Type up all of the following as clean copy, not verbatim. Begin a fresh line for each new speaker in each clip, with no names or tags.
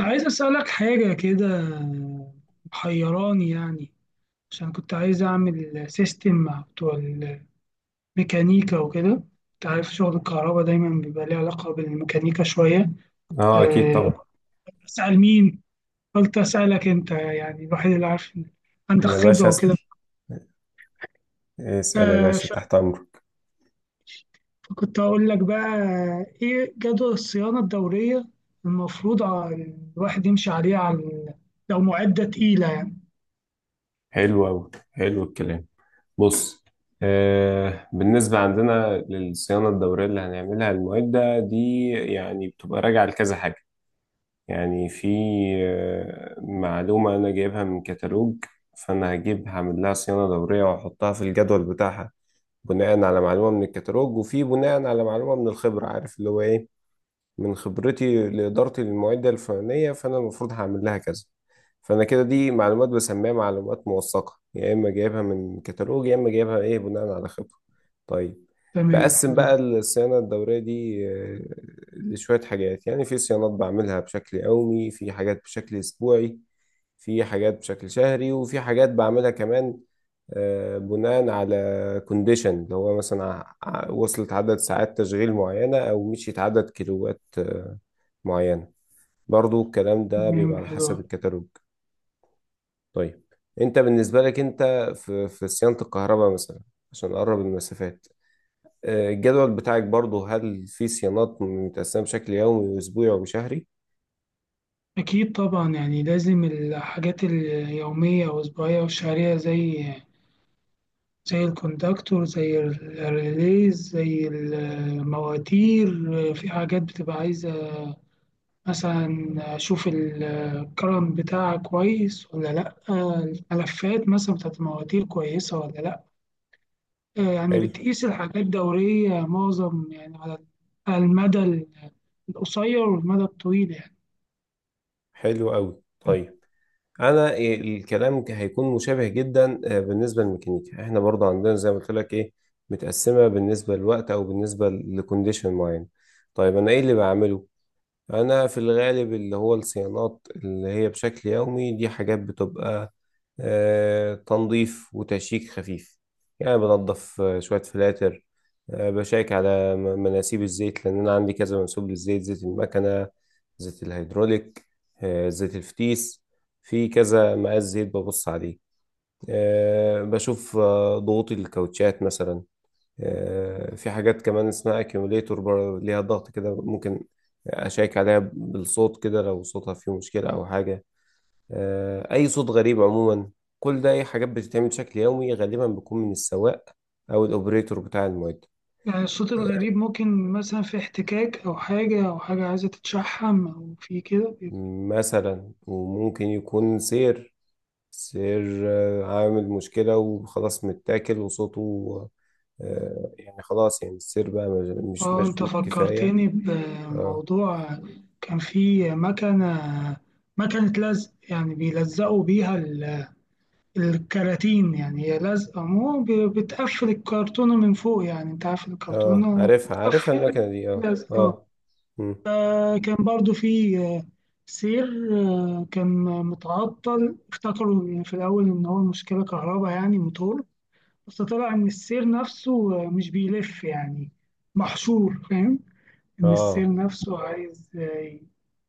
أنا عايز أسألك حاجة كده، محيراني يعني. عشان كنت عايز أعمل سيستم مع بتوع الميكانيكا وكده. أنت عارف شغل الكهرباء دايما بيبقى ليه علاقة بالميكانيكا شوية.
اه، اكيد
أه،
طبعا.
أسأل مين؟ قلت أسألك أنت يعني الوحيد اللي عارف إن عندك
يا
خبرة
باشا اسال
وكده.
اسال يا
أه،
باشا،
ف-
تحت امرك.
فكنت هقول لك بقى، إيه جدول الصيانة الدورية المفروض الواحد يمشي عليه لو معدة تقيلة يعني.
حلو قوي، حلو الكلام. بص. بالنسبه عندنا للصيانه الدوريه اللي هنعملها، المواد ده دي يعني بتبقى راجعه لكذا حاجه. يعني في معلومه انا جايبها من كتالوج، فانا هجيب هعمل لها صيانه دوريه واحطها في الجدول بتاعها بناء على معلومه من الكتالوج، وفي بناء على معلومه من الخبره، عارف اللي هو ايه، من خبرتي لإدارتي للمعدة الفلانية فأنا المفروض هعمل لها كذا. فأنا كده دي معلومات بسميها معلومات موثقة، يا إما جايبها من كتالوج يا إما جايبها إيه بناء على خبرة. طيب.
تمام
بقسم
حلو.
بقى الصيانة الدورية دي لشوية حاجات، يعني في صيانات بعملها بشكل يومي، في حاجات بشكل أسبوعي، في حاجات بشكل شهري، وفي حاجات بعملها كمان بناء على كونديشن، اللي هو مثلا وصلت عدد ساعات تشغيل معينة أو مشيت عدد كيلوات معينة. برضو الكلام ده
تمام
بيبقى على
حلو.
حسب الكتالوج. طيب. أنت بالنسبة لك أنت، في صيانة الكهرباء مثلا، عشان نقرب المسافات، الجدول بتاعك برضو، هل في صيانات متقسمة بشكل يومي وأسبوعي وشهري؟
أكيد طبعا، يعني لازم الحاجات اليومية والأسبوعية والشهرية، زي الكوندكتور، زي الريليز، زي المواتير. في حاجات بتبقى عايزة مثلا أشوف الكرم بتاعها كويس ولا لأ، الملفات مثلا بتاعت المواتير كويسة ولا لأ. يعني
حلو.
بتقيس الحاجات دورية معظم يعني على على المدى القصير والمدى الطويل يعني.
حلو أوي. طيب. انا إيه الكلام هيكون مشابه جدا، بالنسبه للميكانيكا احنا برضه عندنا زي ما قلت لك ايه، متقسمه بالنسبه للوقت او بالنسبه لكونديشن معين. طيب انا ايه اللي بعمله. انا في الغالب اللي هو الصيانات اللي هي بشكل يومي دي حاجات بتبقى تنظيف وتشيك خفيف. يعني بنظف شوية فلاتر، بشيك على مناسيب الزيت، لأن أنا عندي كذا منسوب للزيت، زيت المكنة، زيت الهيدروليك، زيت الفتيس، في كذا مقاس زيت ببص عليه. بشوف ضغوط الكاوتشات مثلا. في حاجات كمان اسمها اكيوميليتور ليها ضغط كده، ممكن أشيك عليها بالصوت كده لو صوتها فيه مشكلة أو حاجة. أي صوت غريب عموما. كل ده أي حاجات بتتعمل بشكل يومي غالبا بتكون من السواق أو الأوبريتور بتاع المعدة.
يعني الصوت
آه،
الغريب ممكن مثلا في احتكاك أو حاجة، أو حاجة عايزة تتشحم، أو في كده بيبقى-.
مثلا وممكن يكون سير، عامل مشكلة وخلاص متاكل وصوته يعني خلاص، يعني السير بقى مش
اه أنت
مشدود كفاية.
فكرتني
اه
بموضوع. كان في مكنة، مكنة لزق يعني بيلزقوا بيها الكراتين، يعني هي لزقة مو بتقفل الكرتونة من فوق. يعني أنت عارف
اه،
الكرتونة
عارفها
بتتقفل
المكنة دي، اه
لزقة.
اه. مم.
كان برضو في سير، كان متعطل. افتكروا يعني في الأول إن هو مشكلة كهرباء، يعني موتور، بس طلع ان السير نفسه مش بيلف يعني، محشور، فاهم. ان
اه
السير نفسه عايز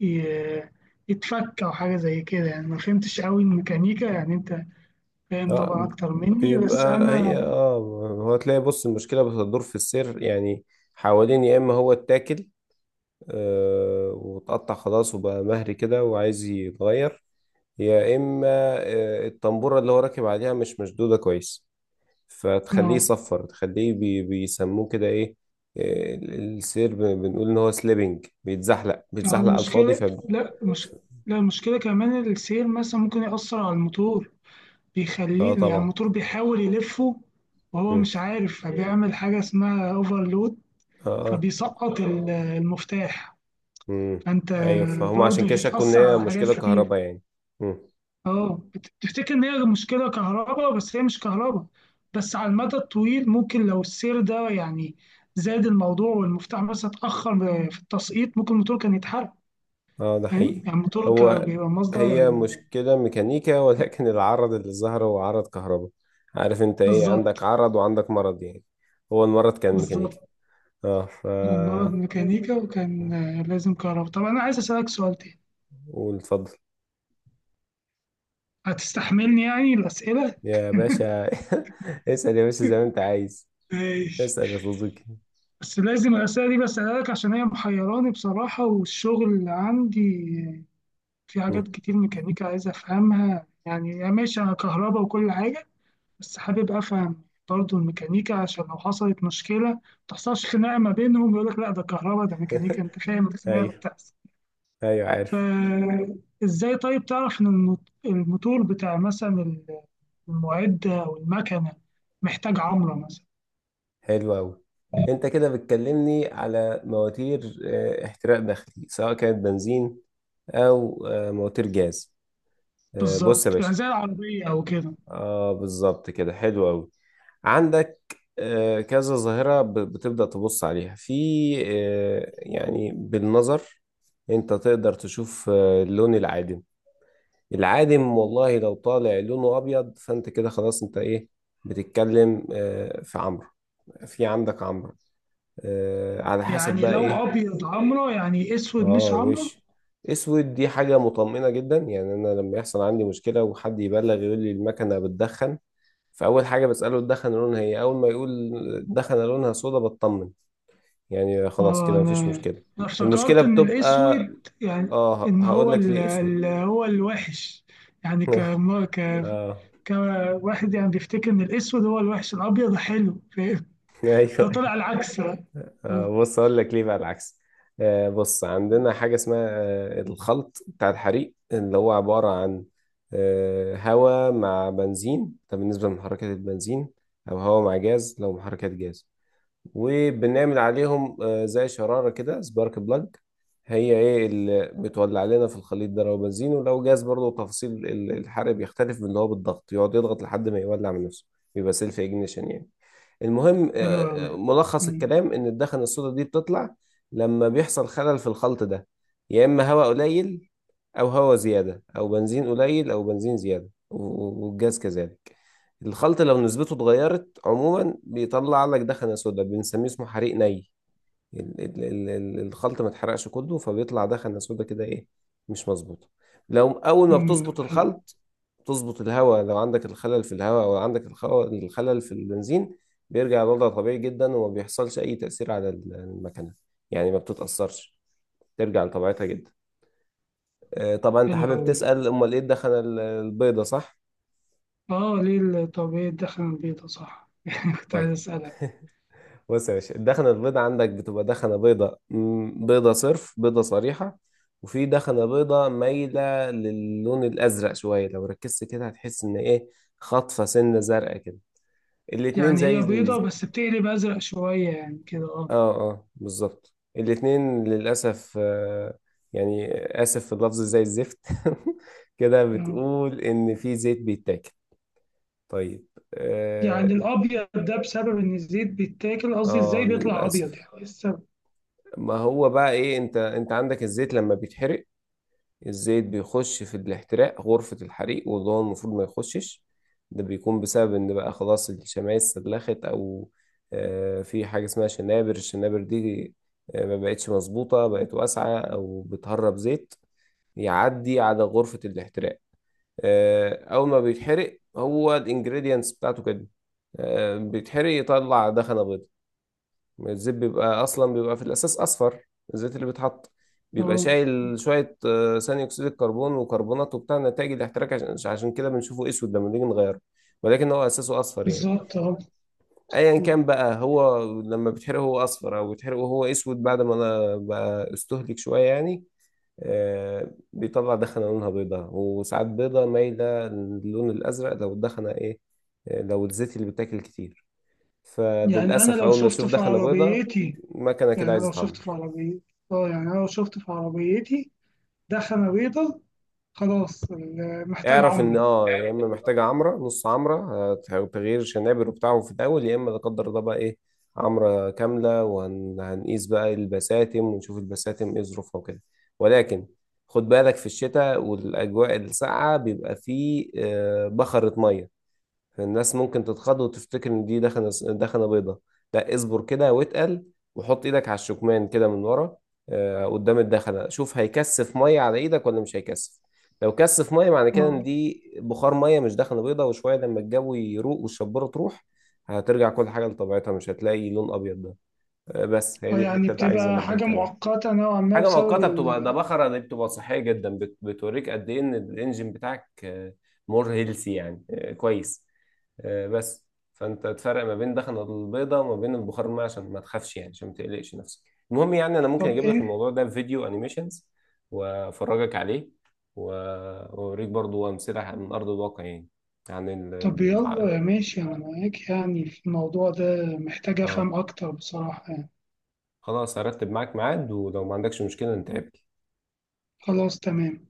ي- يتفك او حاجه زي كده يعني. ما فهمتش قوي الميكانيكا يعني، انت فاهم طبعا
اه.
اكتر مني بس
بيبقى هي
انا
اه، هو تلاقي، بص، المشكلة بتدور في السير يعني، حوالين، يا اما هو اتاكل آه واتقطع خلاص وبقى مهري كده وعايز يتغير، يا اما آه الطنبورة اللي هو راكب عليها مش مشدودة كويس، فتخليه
اه.
يصفر، تخليه بي بيسموه كده ايه، السير بنقول ان هو سليبنج، بيتزحلق بيتزحلق على الفاضي ف.
المشكله لا مش لا، المشكله كمان السير مثلا ممكن ياثر على الموتور،
اه
بيخليه يعني
طبعا.
الموتور بيحاول يلفه وهو
مم.
مش عارف، فبيعمل حاجه اسمها اوفرلود،
اه اه.
فبيسقط المفتاح.
امم.
فانت
ايوه فهم، عشان
برضه
كده شكوا ان
بتأثر
هي
على حاجات
مشكله
كتير.
كهرباء يعني. امم.
اه بتفتكر ان هي المشكله كهرباء بس هي مش كهرباء. بس على المدى الطويل، ممكن لو السير ده يعني زاد الموضوع والمفتاح مثلا اتأخر في التسقيط، ممكن الموتور كان يتحرق.
اه ده
فاهم
حقيقي.
يعني الموتور كان
هو،
بيبقى مصدر
هي مشكله ميكانيكا ولكن العرض اللي ظهر هو عرض كهرباء. عارف انت ايه، عندك
بالظبط.
عرض وعندك مرض يعني. هو المرض كان ميكانيكا.
بالظبط.
اه ف.
أنا النهارده ميكانيكا وكان لازم كهرباء. طب انا عايز اسألك سؤال تاني،
قول اتفضل.
هتستحملني يعني الأسئلة؟
يا باشا. اسال يا باشا زي ما انت عايز.
ماشي.
اسال يا صديقي.
بس لازم الأسئلة دي بسألها لك عشان هي محيراني بصراحة، والشغل عندي في
مم.
حاجات كتير ميكانيكا عايز أفهمها. يعني ماشي أنا كهرباء وكل حاجة، بس حابب أفهم برضه الميكانيكا عشان لو حصلت مشكلة ما تحصلش خناقة ما بينهم. يقول لك لا ده كهرباء، ده ميكانيكا، أنت فاهم الخناقة
ايوه.
بتحصل.
ايوه عارف.
فإزاي طيب تعرف إن الموتور بتاع مثلا المعدة أو المكنة محتاج عمرة مثلا.
حلو أوي. أنت كده بتكلمني على مواتير احتراق داخلي سواء كانت بنزين أو مواتير جاز. بص يا
بالظبط، يعني
باشا.
زي العربية أو كده.
آه بالظبط كده، حلو أوي. عندك كذا ظاهرة بتبدأ تبص عليها في يعني بالنظر. أنت تقدر تشوف اللون العادم. العادم والله لو طالع لونه أبيض، فأنت كده خلاص أنت إيه، بتتكلم في عمرو، في عندك عمرو، على حسب
يعني
بقى
لو
ايه.
ابيض عمرة، يعني اسود
اه
مش عمرة.
وش، اسود دي حاجة مطمئنة جدا. يعني انا لما يحصل عندي مشكلة وحد يبلغ يقول لي المكنة بتدخن، فاول حاجة بسأله الدخن لونها ايه، اول ما يقول الدخنة لونها سودا بطمن، يعني خلاص
اه
كده
انا،
مفيش مشكلة.
انا
المشكلة
افتكرت ان
بتبقى،
الاسود يعني
اه
ان
هقول
هو
لك ليه اسود.
هو الوحش يعني ك...
اه.
كواحد يعني بيفتكر ان الاسود هو الوحش، الابيض حلو فاهم. ده
ايوه.
طلع العكس بقى. اه.
بص اقول لك ليه بقى العكس. بص عندنا حاجه اسمها الخلط بتاع الحريق، اللي هو عباره عن هواء مع بنزين، ده بالنسبه لمحركات البنزين، او هواء مع جاز لو محركات جاز، وبنعمل عليهم زي شراره كده، سبارك بلاج، هي ايه اللي بتولع لنا في الخليط ده لو بنزين، ولو جاز برضه تفاصيل الحرق بيختلف، من اللي هو بالضغط يقعد يضغط لحد ما يولع من نفسه، بيبقى سيلف اجنيشن يعني. المهم
حلو قوي.
ملخص الكلام ان الدخن السودا دي بتطلع لما بيحصل خلل في الخلط ده، يا اما هواء قليل او هواء زياده او بنزين قليل او بنزين زياده والجاز كذلك. الخلط لو نسبته اتغيرت عموما بيطلع لك دخنة سودا، بنسميه اسمه حريق ني، الخلط ما اتحرقش كله فبيطلع ده خلة سودا كده ايه، مش مظبوطة. لو اول ما بتظبط
حلو.
الخلط، تظبط الهواء لو عندك الخلل في الهواء، او عندك الخلل في البنزين، بيرجع لوضع طبيعي جدا وما بيحصلش اي تأثير على المكنة. يعني ما بتتأثرش، ترجع لطبيعتها جدا. طبعا انت
حلو
حابب
قوي.
تسأل امال ايه الدخنة البيضة صح؟
اه ليه طب ايه الدخن البيضة صح يعني كنت عايز
طيب.
اسالك.
بص يا باشا، الدخنة البيضاء عندك بتبقى دخنة بيضاء، بيضاء صرف، بيضاء صريحة، وفي دخنة بيضاء مايلة للون الأزرق شوية. لو ركزت كده هتحس إن إيه، خطفة سنة زرقاء كده. الاتنين
يعني
زي
هي بيضة
ال...
بس بتقلب ازرق شوية يعني كده، اه.
آه آه بالظبط، الاتنين للأسف آه، يعني آسف في اللفظ زي الزفت كده،
آه.
بتقول إن في زيت بيتاكل. طيب.
يعني
آه,
الابيض ده بسبب ان الزيت بيتاكل؟ قصدي
آه
ازاي بيطلع ابيض،
للأسف،
يعني إيه السبب؟
ما هو بقى إيه، أنت عندك الزيت لما بيتحرق، الزيت بيخش في الاحتراق، غرفة الحريق، واللي هو المفروض ما يخشش. ده بيكون بسبب ان بقى خلاص الشمعات استدلخت، او في حاجة اسمها شنابر، الشنابر دي ما بقتش مظبوطة، بقت واسعة او بتهرب زيت يعدي على غرفة الاحتراق. اول ما بيتحرق هو الانجريدينتس بتاعته كده بيتحرق يطلع دخنة بيضاء. الزيت بيبقى اصلا، بيبقى في الاساس اصفر. الزيت اللي بيتحط بيبقى
اه
شايل شويه ثاني اكسيد الكربون وكربونات وبتاع نتائج الاحتراق، عشان كده بنشوفه اسود لما نيجي نغيره. ولكن هو اساسه اصفر يعني.
بالظبط اه.
ايا كان بقى، هو لما بيتحرق هو اصفر، او بيتحرق وهو اسود بعد ما انا بقى استهلك شويه يعني، بيطلع دخنه لونها بيضاء، وساعات بيضاء مايله للون الازرق. لو الدخنه ايه، لو الزيت اللي بيتاكل كتير،
يعني انا
فللاسف
لو
اول ما
شفت
السيوف
في
دخل بيضه،
عربيتي،
المكنه
يعني
كده
أنا لو
عايزه
شفت
تعمر.
في عربيتي، اه يعني أنا لو شفت في عربيتي دخنة بيضة، خلاص محتاج
اعرف ان
عمرة.
اه، يا اما محتاجه عمره نص عمره، تغيير شنابر وبتاعه في الاول، يا اما لا قدر الله بقى ايه، عمره كامله، وهنقيس بقى البساتم ونشوف البساتم ايه ظروفها وكده. ولكن خد بالك، في الشتاء والاجواء الساقعه بيبقى فيه بخرة ميه، الناس ممكن تتخض وتفتكر ان دي دخنه، بيضه. لا اصبر كده واتقل، وحط ايدك على الشكمان كده من ورا قدام الدخنه، شوف هيكثف ميه على ايدك ولا مش هيكثف. لو كثف ميه، معنى كده
اه.
ان دي بخار ميه مش دخنه بيضه. وشويه لما الجو يروق والشبوره تروح، هترجع كل حاجه لطبيعتها، مش هتلاقي لون ابيض ده. بس هي دي
يعني
الحته اللي عايز
بتبقى حاجة
انبهك عليها.
مؤقتة نوعا ما
حاجه
بسبب
مؤقته بتبقى ده،
ال....
بخره دي بتبقى صحيه جدا، بتوريك قد ايه ان الانجن بتاعك مور هيلثي يعني كويس. آه، بس فانت تفرق ما بين الدخنه البيضاء وما بين البخار الماء، عشان ما تخافش يعني، عشان ما تقلقش نفسك. المهم يعني، انا ممكن
طب
اجيب لك
انت،
الموضوع ده في فيديو انيميشنز وافرجك عليه، واوريك برضو امثله من ارض الواقع يعني، عن ال...
طب يلا يا
ال-
ماشي انا معاك يعني في الموضوع ده، محتاج افهم
اه
اكتر بصراحة يعني.
خلاص، هرتب معاك ميعاد ولو ما عندكش مشكله نتقابل.
خلاص تمام.